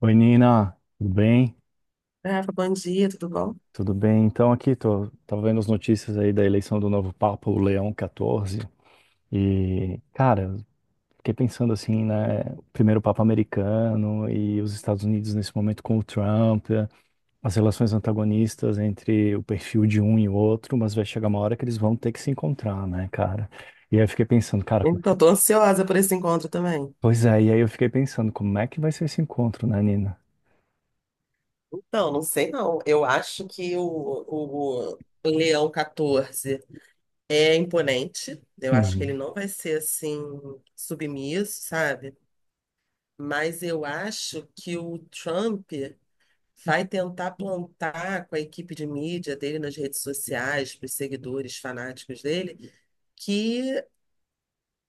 Oi, Nina, tudo bem? Rafa, bom dia, tudo bom? Tudo bem? Então, aqui tô vendo as notícias aí da eleição do novo Papa, o Leão XIV. E, cara, fiquei pensando assim, né? O primeiro Papa americano e os Estados Unidos nesse momento com o Trump, as relações antagonistas entre o perfil de um e o outro, mas vai chegar uma hora que eles vão ter que se encontrar, né, cara? E aí eu fiquei pensando, cara, como é Então, que... tô ansiosa por esse encontro também. Pois é, e aí eu fiquei pensando, como é que vai ser esse encontro, né, Nina? Então, não sei não. Eu acho que o Leão 14 é imponente. Eu acho que ele Uhum. não vai ser assim submisso, sabe? Mas eu acho que o Trump vai tentar plantar com a equipe de mídia dele nas redes sociais, para os seguidores fanáticos dele.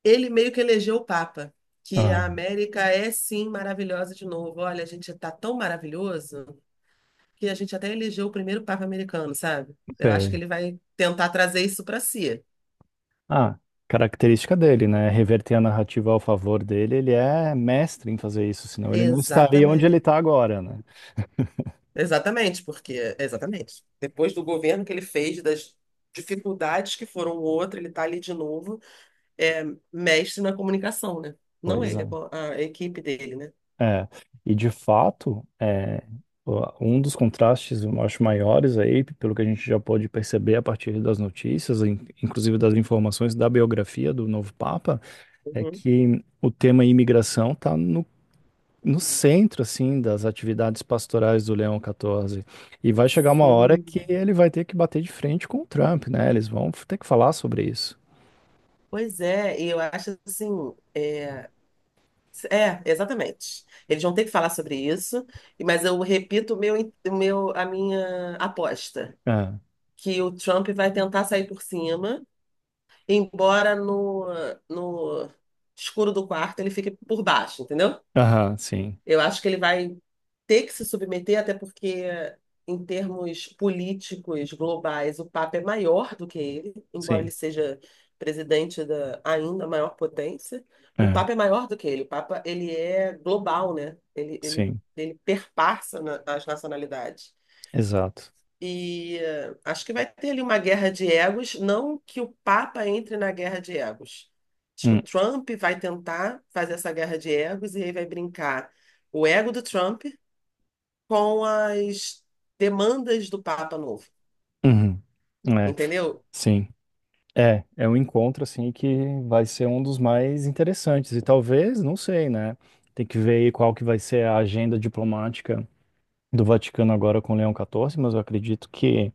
Ele meio que elegeu o Papa, que Ah, a América é sim maravilhosa de novo. Olha, a gente está tão maravilhoso que a gente até elegeu o primeiro Papa americano, sabe? Eu acho que sei. ele vai tentar trazer isso para si. Ah, característica dele, né? Reverter a narrativa ao favor dele, ele é mestre em fazer isso, senão ele não estaria onde ele Exatamente. está agora, né? Exatamente, porque exatamente. Depois do governo que ele fez, das dificuldades que foram o outro, ele está ali de novo, é mestre na comunicação, né? Não Pois ele, é. A equipe dele, né? É, e de fato, é, um dos contrastes, eu acho, maiores aí, pelo que a gente já pôde perceber a partir das notícias, inclusive das informações da biografia do novo Papa, é Uhum. que o tema imigração está no centro, assim, das atividades pastorais do Leão 14. E vai chegar uma hora que Sim. ele vai ter que bater de frente com o Trump, né? Eles vão ter que falar sobre isso. Pois é, e eu acho assim, é, é, exatamente. Eles vão ter que falar sobre isso, mas eu repito o meu, a minha aposta, É. que o Trump vai tentar sair por cima, embora no escuro do quarto ele fique por baixo, entendeu? Aham, sim, Eu acho que ele vai ter que se submeter, até porque, em termos políticos globais, o Papa é maior do que ele, embora sim, ele seja presidente da ainda maior potência. O é, Papa é maior do que ele. O Papa, ele é global, né? Ele, ele, sim, ele as nacionalidades. exato. E acho que vai ter ali uma guerra de egos, não que o Papa entre na guerra de egos. Acho que Hum, o Trump vai tentar fazer essa guerra de egos e aí vai brincar o ego do Trump com as demandas do Papa novo, uhum. É, entendeu? sim. É, é um encontro, assim, que vai ser um dos mais interessantes. E talvez, não sei, né? Tem que ver aí qual que vai ser a agenda diplomática do Vaticano agora com o Leão 14, mas eu acredito que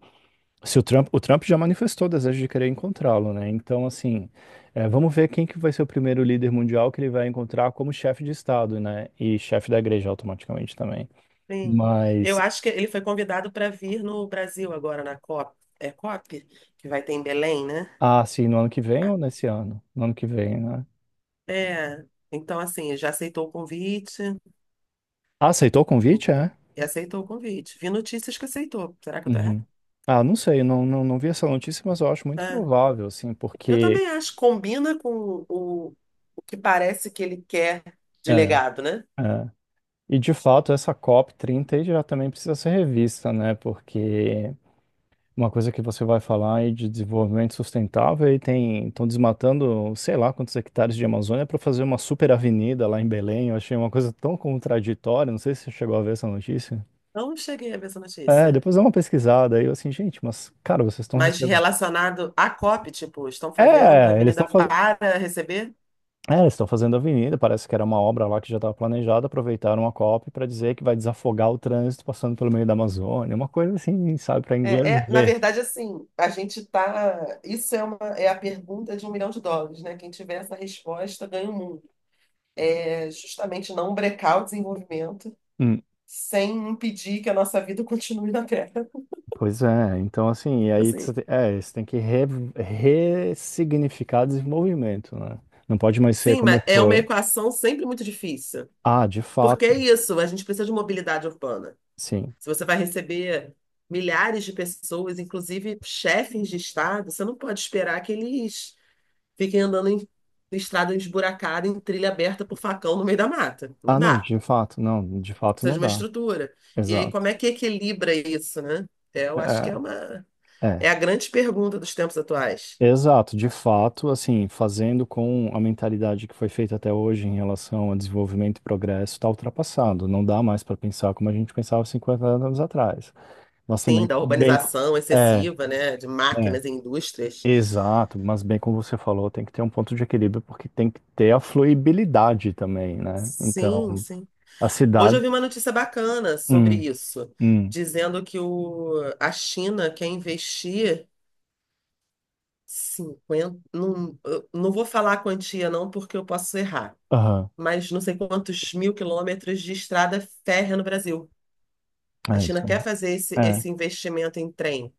se o Trump, o Trump já manifestou o desejo de querer encontrá-lo, né? Então, assim, é, vamos ver quem que vai ser o primeiro líder mundial que ele vai encontrar como chefe de Estado, né? E chefe da igreja automaticamente também. Sim. Eu Mas, acho que ele foi convidado para vir no Brasil agora na COP, é COP, que vai ter em Belém, né? ah, sim, no ano que vem ou nesse ano? No ano que vem, né? É. Então, assim, já aceitou o convite Ah, aceitou o convite, é? e aceitou o convite. Vi notícias que aceitou. Será que eu tô errada? Uhum. Ah, não sei, não, não, não vi essa notícia, mas eu acho muito É, provável, assim, eu porque... também acho, combina com o que parece que ele quer de É, legado, né? é. E, de fato, essa COP 30 aí já também precisa ser revista, né? Porque... Uma coisa que você vai falar aí de desenvolvimento sustentável e tem, estão desmatando, sei lá, quantos hectares de Amazônia para fazer uma super avenida lá em Belém. Eu achei uma coisa tão contraditória, não sei se você chegou a ver essa notícia. Não cheguei a ver essa É, notícia. depois dá uma pesquisada aí, eu assim, gente, mas cara, vocês estão Mas recebendo. relacionado à COP, tipo, estão fazendo a É, eles avenida estão fazendo, para receber? é, eles estão fazendo avenida, parece que era uma obra lá que já estava planejada, aproveitaram a COP para dizer que vai desafogar o trânsito passando pelo meio da Amazônia, uma coisa assim, sabe, para inglês É, na ver. verdade, assim, a gente tá. É a pergunta de um milhão de dólares, né? Quem tiver essa resposta ganha o mundo. É justamente não brecar o desenvolvimento sem impedir que a nossa vida continue na Terra. Pois é, então assim, e aí Assim, é, você tem que ressignificar desenvolvimento, né? Não pode mais ser sim, como mas é uma foi. equação sempre muito difícil. Ah, de Porque é fato, isso, a gente precisa de mobilidade urbana. sim. Se você vai receber milhares de pessoas, inclusive chefes de estado, você não pode esperar que eles fiquem andando em estrada esburacada, em trilha aberta por facão no meio da mata. Ah, Não não, dá. de fato, não, de fato Precisa não de uma dá. estrutura. E aí, como Exato. é que equilibra isso, né? Eu acho que é uma É, é. é a grande pergunta dos tempos atuais. Exato, de fato, assim, fazendo com a mentalidade que foi feita até hoje em relação a desenvolvimento e progresso, está ultrapassado. Não dá mais para pensar como a gente pensava 50 anos atrás. Nós Sim, também, da bem, urbanização é, excessiva, né? De é. máquinas e indústrias. Exato, mas bem como você falou, tem que ter um ponto de equilíbrio porque tem que ter a fluibilidade também, né? Sim, Então, sim. a Hoje eu cidade. vi uma notícia bacana sobre Hum, isso, hum, dizendo que a China quer investir 50, não, eu não vou falar a quantia não, porque eu posso errar, aham, mas não sei quantos mil quilômetros de estrada férrea no Brasil. A é China isso. quer fazer É, esse investimento em trem.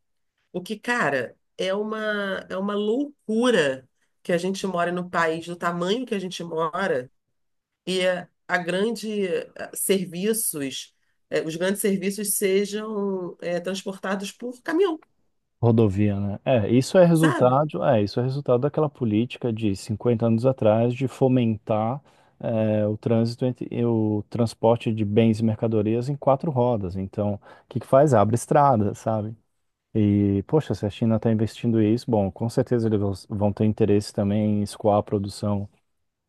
O que, cara, é uma loucura que a gente mora no país do tamanho que a gente mora e a grande eh, serviços, eh, os grandes serviços sejam transportados por caminhão, rodovia, né? É, isso é sabe? resultado, é, isso é resultado daquela política de 50 anos atrás de fomentar é, o trânsito entre, e o transporte de bens e mercadorias em quatro rodas. Então, o que que faz? Abre estrada, sabe? E, poxa, se a China está investindo isso, bom, com certeza eles vão ter interesse também em escoar a produção,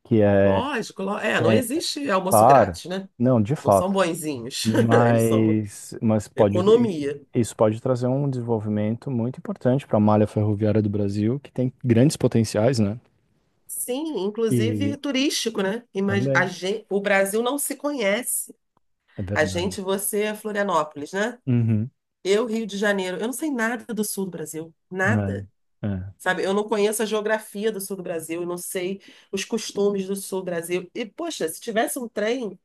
que é, Lógico, é, que não é existe almoço claro, grátis, né? não, de Não são fato, bonzinhos, eles são mas pode, economia. isso pode trazer um desenvolvimento muito importante para a malha ferroviária do Brasil, que tem grandes potenciais, né? Sim, inclusive E turístico, né? Também, O Brasil não se conhece. é verdade. Você, é Florianópolis, né? Uhum. Eu, Rio de Janeiro. Eu não sei nada do sul do Brasil, nada. É, é, Sabe, eu não conheço a geografia do sul do Brasil, eu não sei os costumes do sul do Brasil. E, poxa, se tivesse um trem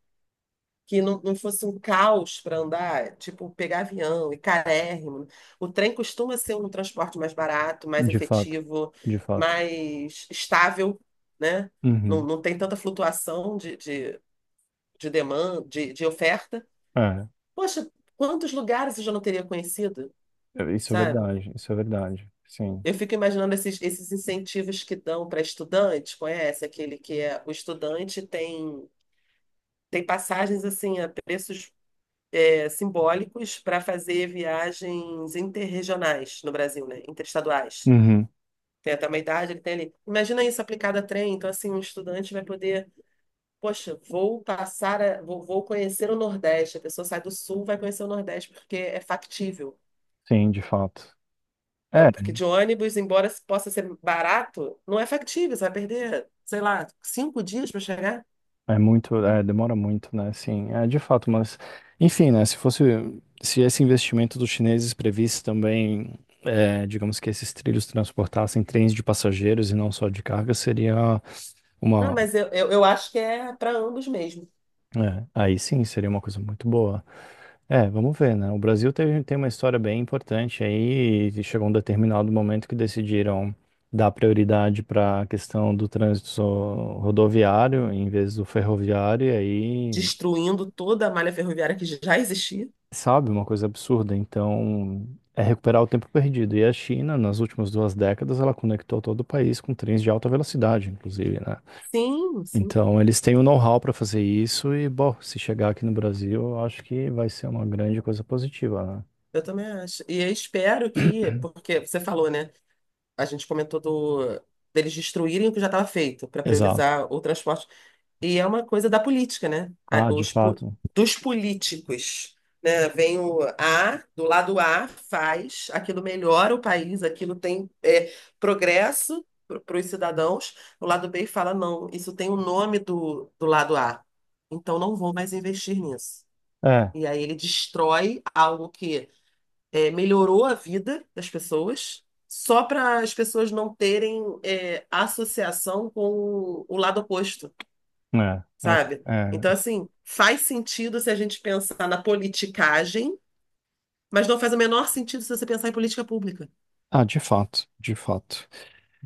que não fosse um caos para andar, tipo pegar avião e carérrimo, o trem costuma ser um transporte mais barato, mais de fato, efetivo, de fato. mais estável, né? Uhum. Não tem tanta flutuação de demanda, de oferta. É, Poxa, quantos lugares eu já não teria conhecido, sabe? Isso é verdade, sim. Eu fico imaginando esses incentivos que dão para estudante, conhece? Aquele que é o estudante tem passagens assim a preços simbólicos para fazer viagens interregionais no Brasil, né? Interestaduais. Uhum. Tem até uma idade, ele tem ali. Imagina isso aplicado a trem, então assim, um estudante vai poder, poxa, vou conhecer o Nordeste. A pessoa sai do Sul, vai conhecer o Nordeste, porque é factível. Sim, de fato. É, É, porque de ônibus, embora possa ser barato, não é factível, você vai perder, sei lá, 5 dias para chegar. é muito, é, demora muito, né? Sim, é de fato, mas enfim, né? Se fosse, se esse investimento dos chineses previsse também, é, digamos que esses trilhos transportassem trens de passageiros e não só de carga, seria Não, uma, mas eu acho que é para ambos mesmo, é, aí sim, seria uma coisa muito boa. É, vamos ver, né? O Brasil teve, tem uma história bem importante aí e chegou um determinado momento que decidiram dar prioridade para a questão do trânsito rodoviário em vez do ferroviário e aí destruindo toda a malha ferroviária que já existia. sabe, uma coisa absurda. Então, é recuperar o tempo perdido. E a China, nas últimas duas décadas, ela conectou todo o país com trens de alta velocidade, inclusive, né? Sim, Então, eles têm o know-how para fazer isso e, bom, se chegar aqui no Brasil, eu acho que vai ser uma grande coisa positiva, eu também acho. E eu espero né? que, porque você falou, né? A gente comentou deles destruírem o que já estava feito para Exato. priorizar o transporte. E é uma coisa da política, né? Ah, de fato. Dos políticos, né? Vem o A, do lado A, faz, aquilo melhora o país, aquilo tem progresso para os cidadãos. O lado B fala, não, isso tem o nome do lado A, então não vou mais investir nisso. É, E aí ele destrói algo que melhorou a vida das pessoas, só para as pessoas não terem associação com o lado oposto, é, é, sabe? é. Então, assim, faz sentido se a gente pensar na politicagem, mas não faz o menor sentido se você pensar em política pública, Ah, de fato, de fato.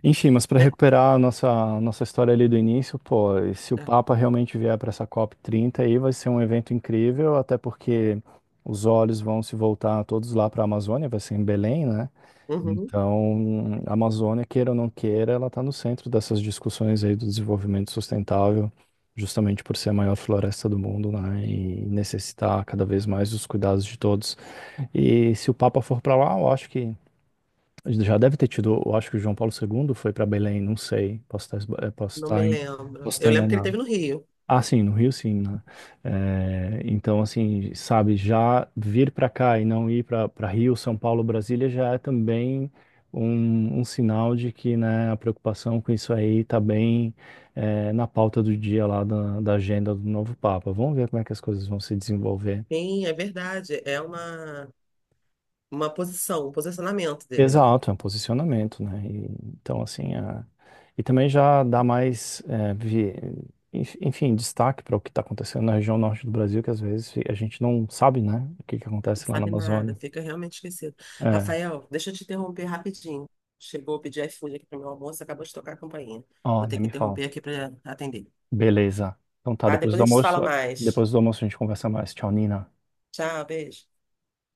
Enfim, mas para né? recuperar a nossa, nossa história ali do início, pô, e se o É. Papa realmente vier para essa COP30 aí, vai ser um evento incrível, até porque os olhos vão se voltar todos lá para a Amazônia, vai ser em Belém, né? Uhum. Então, a Amazônia, queira ou não queira, ela está no centro dessas discussões aí do desenvolvimento sustentável, justamente por ser a maior floresta do mundo, né? E necessitar cada vez mais dos cuidados de todos. E se o Papa for para lá, eu acho que já deve ter tido, eu acho que o João Paulo segundo foi para Belém, não sei, posso Não me lembro. posso estar Eu lembro que ele enganado. teve no Rio. Ah, sim, no Rio, sim, né? Eh, então, assim, sabe, já vir para cá e não ir para Rio, São Paulo, Brasília já é também um sinal de que, né, a preocupação com isso aí está bem, eh, na pauta do dia lá da, da agenda do novo Papa. Vamos ver como é que as coisas vão se desenvolver. Sim, é verdade. Uma posição, um posicionamento dele, né? Exato, é um posicionamento, né? E, então, assim, e também já dá mais, é, enfim, destaque para o que está acontecendo na região norte do Brasil, que às vezes a gente não sabe, né? O que que Não acontece lá na sabe nada, Amazônia. fica realmente esquecido. É, Rafael, deixa eu te interromper rapidinho. Chegou a pedir iFood aqui para meu almoço, acabou de tocar a campainha. ó, Vou ter nem que me fala. interromper aqui para atender. Beleza. Então tá, Tá? Depois a gente se fala mais. depois do almoço a gente conversa mais. Tchau, Nina. Tchau, beijo.